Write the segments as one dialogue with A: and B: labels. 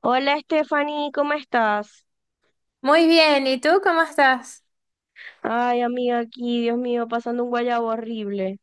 A: Hola Stephanie, ¿cómo estás?
B: Muy bien, ¿y tú cómo estás?
A: Ay, amiga, aquí, Dios mío, pasando un guayabo horrible.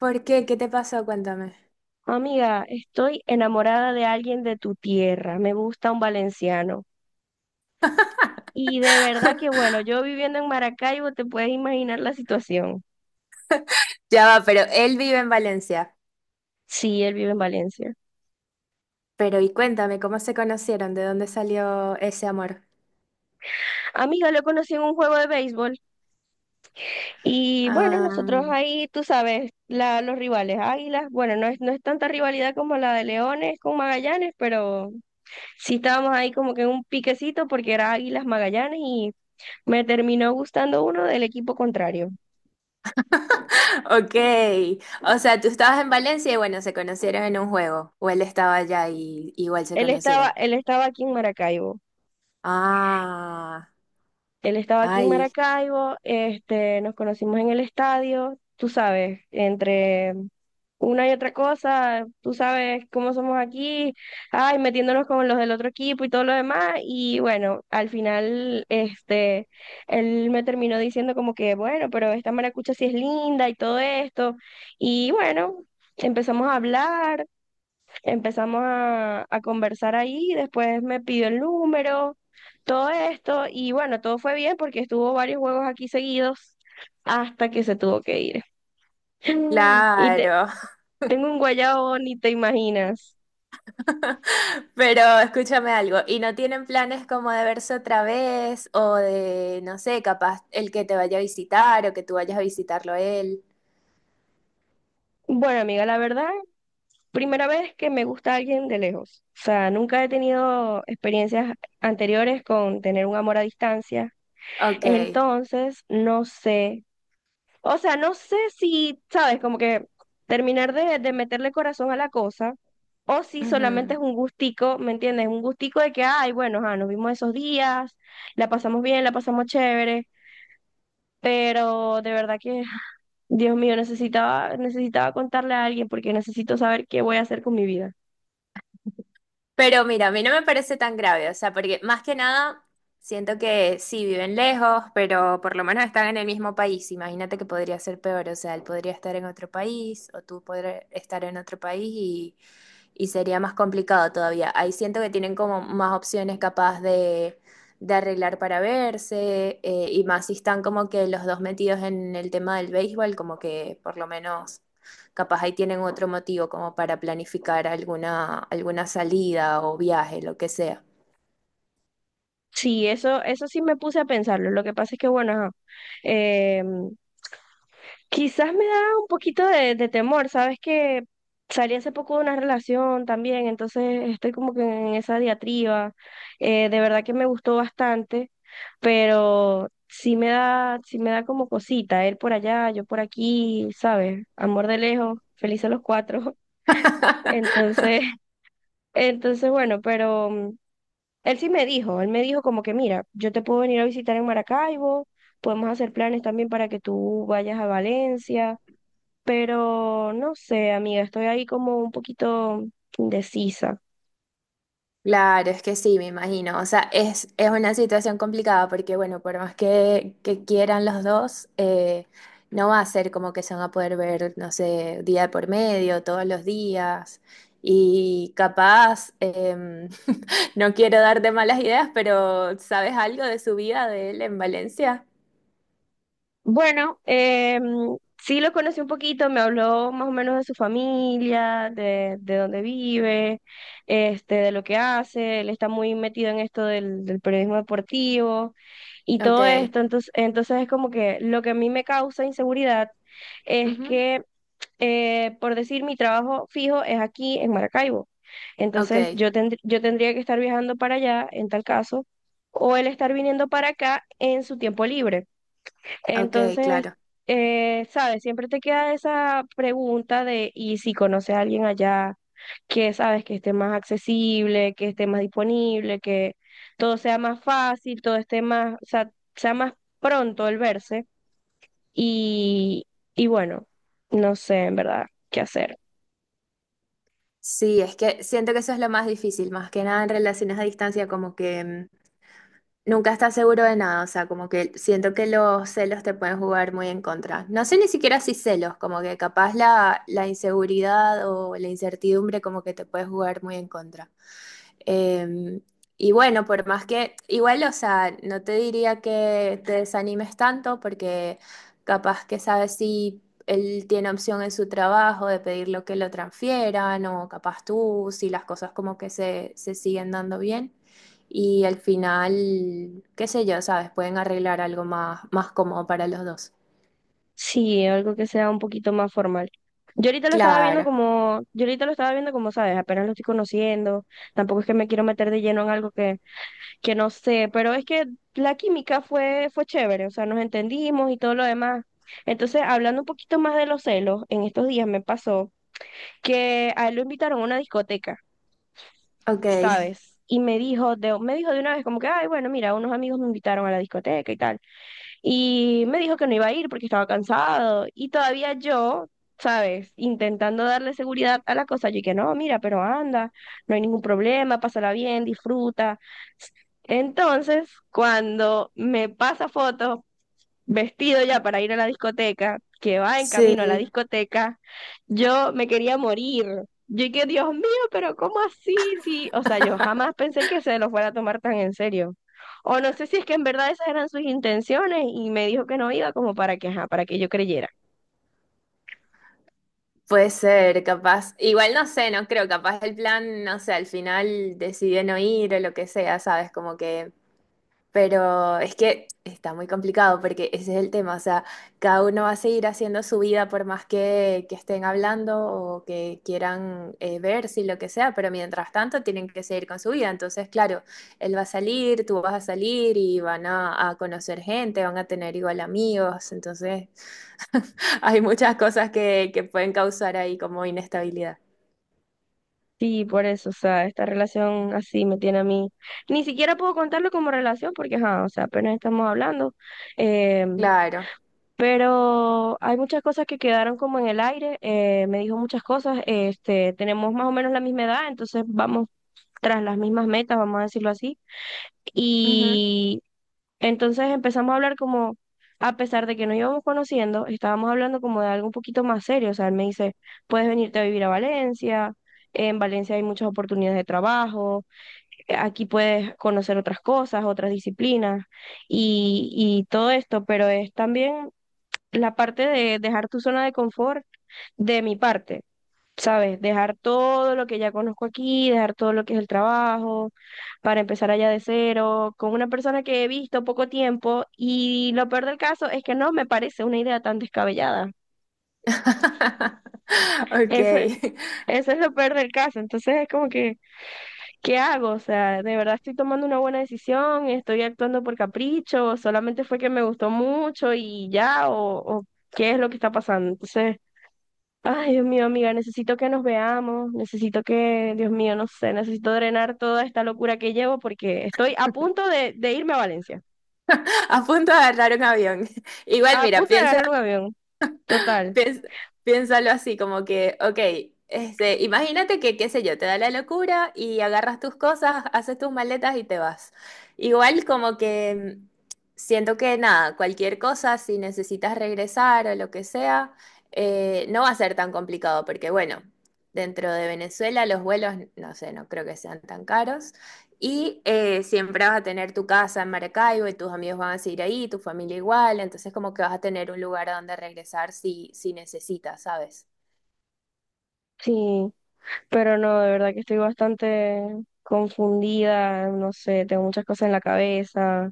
B: ¿Por qué? ¿Qué te pasó? Cuéntame.
A: Amiga, estoy enamorada de alguien de tu tierra, me gusta un valenciano. Y de verdad que bueno, yo viviendo en Maracaibo, te puedes imaginar la situación.
B: Ya va, pero él vive en Valencia.
A: Sí, él vive en Valencia.
B: Pero y cuéntame, ¿cómo se conocieron? ¿De dónde salió ese amor?
A: Amiga, lo conocí en un juego de béisbol y bueno,
B: Ah,
A: nosotros ahí, tú sabes, los rivales, Águilas, bueno, no es tanta rivalidad como la de Leones con Magallanes, pero... Sí, estábamos ahí como que en un piquecito porque era Águilas Magallanes y me terminó gustando uno del equipo contrario.
B: ok. O sea, tú estabas en Valencia y bueno, se conocieron en un juego. O él estaba allá y igual se conocieron.
A: Él estaba aquí en Maracaibo.
B: Ah,
A: Él estaba aquí en
B: ay,
A: Maracaibo, este, nos conocimos en el estadio, tú sabes, entre una y otra cosa, tú sabes cómo somos aquí, ay, metiéndonos con los del otro equipo y todo lo demás, y bueno, al final, este, él me terminó diciendo como que, bueno, pero esta maracucha sí es linda y todo esto, y bueno, empezamos a hablar. Empezamos a conversar ahí, después me pidió el número, todo esto, y bueno, todo fue bien porque estuvo varios juegos aquí seguidos hasta que se tuvo que ir. Y te-
B: claro.
A: Tengo un guayabo, ni te imaginas.
B: Pero escúchame algo, ¿y no tienen planes como de verse otra vez o de, no sé, capaz el que te vaya a visitar o que tú vayas a visitarlo a él?
A: Bueno, amiga, la verdad, primera vez que me gusta alguien de lejos. O sea, nunca he tenido experiencias anteriores con tener un amor a distancia.
B: Ok,
A: Entonces, no sé. O sea, no sé si, sabes, como que terminar de meterle corazón a la cosa, o si solamente
B: ujú.
A: es un gustico, ¿me entiendes? Un gustico de que, ay, bueno, ajá, nos vimos esos días, la pasamos bien, la pasamos chévere, pero de verdad que, Dios mío, necesitaba contarle a alguien porque necesito saber qué voy a hacer con mi vida.
B: Pero mira, a mí no me parece tan grave, o sea, porque más que nada siento que sí viven lejos, pero por lo menos están en el mismo país. Imagínate que podría ser peor, o sea, él podría estar en otro país o tú podrías estar en otro país y sería más complicado todavía. Ahí siento que tienen como más opciones capaz de arreglar para verse y más si están como que los dos metidos en el tema del béisbol, como que por lo menos capaz ahí tienen otro motivo como para planificar alguna, alguna salida o viaje, lo que sea.
A: Sí, eso sí me puse a pensarlo. Lo que pasa es que, bueno, ajá, em, quizás me da un poquito de temor, sabes que salí hace poco de una relación también, entonces estoy como que en esa diatriba. De verdad que me gustó bastante, pero sí me da como cosita, él por allá, yo por aquí, ¿sabes? Amor de lejos, felices los cuatro. Entonces, entonces bueno, pero él sí me dijo, él me dijo como que, mira, yo te puedo venir a visitar en Maracaibo, podemos hacer planes también para que tú vayas a Valencia, pero no sé, amiga, estoy ahí como un poquito indecisa.
B: Claro, es que sí, me imagino. O sea, es una situación complicada porque, bueno, por más que quieran los dos, no va a ser como que se van a poder ver, no sé, día de por medio, todos los días. Y capaz, no quiero darte malas ideas, pero ¿sabes algo de su vida de él en Valencia?
A: Bueno, sí lo conocí un poquito, me habló más o menos de su familia, de dónde vive, este, de lo que hace, él está muy metido en esto del periodismo deportivo y todo
B: Ok,
A: esto, entonces, entonces es como que lo que a mí me causa inseguridad es
B: ujú,
A: que, por decir, mi trabajo fijo es aquí en Maracaibo,
B: ok,
A: entonces yo tendría que estar viajando para allá en tal caso, o él estar viniendo para acá en su tiempo libre.
B: ok,
A: Entonces,
B: claro.
A: sabes, siempre te queda esa pregunta de, ¿y si conoces a alguien allá que sabes que esté más accesible, que esté más disponible, que todo sea más fácil, todo esté más, o sea, sea más pronto el verse? Y, y bueno, no sé en verdad qué hacer.
B: Sí, es que siento que eso es lo más difícil, más que nada en relaciones a distancia, como que... Nunca estás seguro de nada, o sea, como que siento que los celos te pueden jugar muy en contra. No sé ni siquiera si celos, como que capaz la, la inseguridad o la incertidumbre como que te puede jugar muy en contra. Em, y bueno, por más que, igual, o sea, no te diría que te desanimes tanto porque capaz que sabes si él tiene opción en su trabajo de pedir lo que lo transfieran o capaz tú, si las cosas como que se siguen dando bien. Y al final, qué sé yo, sabes, pueden arreglar algo más, más cómodo para los dos.
A: Sí, algo que sea un poquito más formal.
B: Claro,
A: Yo ahorita lo estaba viendo como, sabes, apenas lo estoy conociendo, tampoco es que me quiero meter de lleno en algo que no sé, pero es que la química fue chévere, o sea, nos entendimos y todo lo demás. Entonces, hablando un poquito más de los celos, en estos días me pasó que a él lo invitaron a una discoteca,
B: ok,
A: ¿sabes? Y me dijo de una vez como que, ay, bueno, mira, unos amigos me invitaron a la discoteca y tal y me dijo que no iba a ir porque estaba cansado y todavía yo, ¿sabes? Intentando darle seguridad a la cosa, yo dije, no, mira, pero anda, no hay ningún problema, pásala bien, disfruta. Entonces, cuando me pasa fotos vestido ya para ir a la discoteca, que va en
B: sí.
A: camino a la discoteca, yo me quería morir. Yo dije, Dios mío, pero ¿cómo así? Sí, o sea, yo jamás pensé que se lo fuera a tomar tan en serio. O no sé si es que en verdad esas eran sus intenciones y me dijo que no iba como para que, ajá, para que yo creyera.
B: Puede ser, capaz. Igual no sé, no creo, capaz el plan, no sé, al final decidió no ir o lo que sea, ¿sabes? Como que... Pero es que está muy complicado porque ese es el tema, o sea, cada uno va a seguir haciendo su vida por más que estén hablando o que quieran verse y lo que sea, pero mientras tanto tienen que seguir con su vida. Entonces, claro, él va a salir, tú vas a salir y van a conocer gente, van a tener igual amigos, entonces hay muchas cosas que pueden causar ahí como inestabilidad.
A: Sí, por eso, o sea, esta relación así me tiene a mí. Ni siquiera puedo contarlo como relación porque, ajá, o sea, apenas estamos hablando. eh,
B: Claro.
A: Pero hay muchas cosas que quedaron como en el aire. Me dijo muchas cosas. Este, tenemos más o menos la misma edad, entonces vamos tras las mismas metas, vamos a decirlo así.
B: Ujú.
A: Y entonces empezamos a hablar como, a pesar de que nos íbamos conociendo, estábamos hablando como de algo un poquito más serio. O sea, él me dice, puedes venirte a vivir a Valencia, en Valencia hay muchas oportunidades de trabajo, aquí puedes conocer otras cosas, otras disciplinas y todo esto, pero es también la parte de dejar tu zona de confort de mi parte, ¿sabes? Dejar todo lo que ya conozco aquí, dejar todo lo que es el trabajo, para empezar allá de cero, con una persona que he visto poco tiempo y lo peor del caso es que no me parece una idea tan descabellada.
B: Ok.
A: Eso, eso es lo peor del caso. Entonces es como que, ¿qué hago? O sea, ¿de verdad estoy tomando una buena decisión? ¿Estoy actuando por capricho? ¿O solamente fue que me gustó mucho y ya? O qué es lo que está pasando? Entonces... Ay, Dios mío, amiga, necesito que nos veamos, necesito que, Dios mío, no sé, necesito drenar toda esta locura que llevo porque estoy a punto de irme a Valencia,
B: A punto de agarrar un avión.
A: a
B: Igual, mira,
A: punto de
B: piensa.
A: agarrar un avión, total.
B: Piens- Piénsalo así, como que, ok, este, imagínate que, qué sé yo, te da la locura y agarras tus cosas, haces tus maletas y te vas. Igual como que siento que nada, cualquier cosa, si necesitas regresar o lo que sea, no va a ser tan complicado, porque bueno, dentro de Venezuela los vuelos, no sé, no creo que sean tan caros. Y siempre vas a tener tu casa en Maracaibo y tus amigos van a seguir ahí, tu familia igual, entonces como que vas a tener un lugar a donde regresar si, si necesitas, ¿sabes?
A: Sí, pero no, de verdad que estoy bastante confundida, no sé, tengo muchas cosas en la cabeza.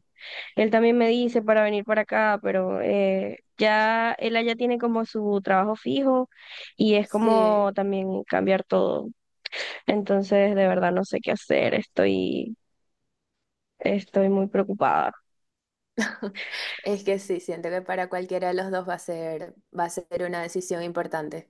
A: Él también me dice para venir para acá, pero ya él allá tiene como su trabajo fijo y es
B: Sí,
A: como también cambiar todo. Entonces, de verdad no sé qué hacer, estoy muy preocupada.
B: es que sí, siento que para cualquiera de los dos va a ser una decisión importante.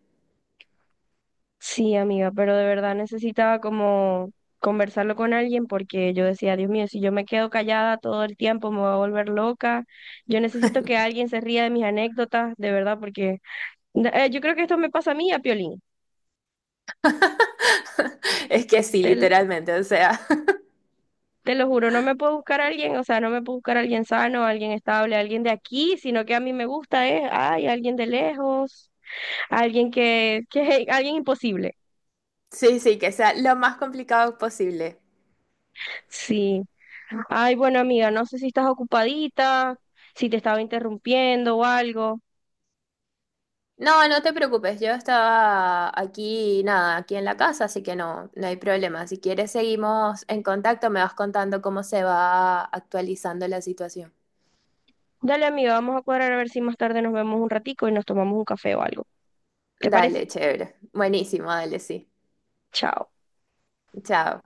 A: Sí, amiga, pero de verdad necesitaba como conversarlo con alguien porque yo decía, Dios mío, si yo me quedo callada todo el tiempo me voy a volver loca. Yo necesito que alguien se ría de mis anécdotas, de verdad, porque yo creo que esto me pasa a mí, a Piolín.
B: Es que sí,
A: Te,
B: literalmente, o sea,
A: te lo juro, no me puedo buscar a alguien, o sea, no me puedo buscar a alguien sano, alguien estable, alguien de aquí, sino que a mí me gusta, ¿eh? Ay, alguien de lejos, alguien que alguien imposible.
B: sí, sí, que sea lo más complicado posible.
A: Sí. Ay, bueno, amiga, no sé si estás ocupadita, si te estaba interrumpiendo o algo.
B: No, no te preocupes, yo estaba aquí, nada, aquí en la casa, así que no, no hay problema. Si quieres, seguimos en contacto, me vas contando cómo se va actualizando la situación.
A: Dale, amiga, vamos a cuadrar a ver si más tarde nos vemos un ratico y nos tomamos un café o algo. ¿Te
B: Dale,
A: parece?
B: chévere. Buenísimo, dale, sí.
A: Chao.
B: Chao.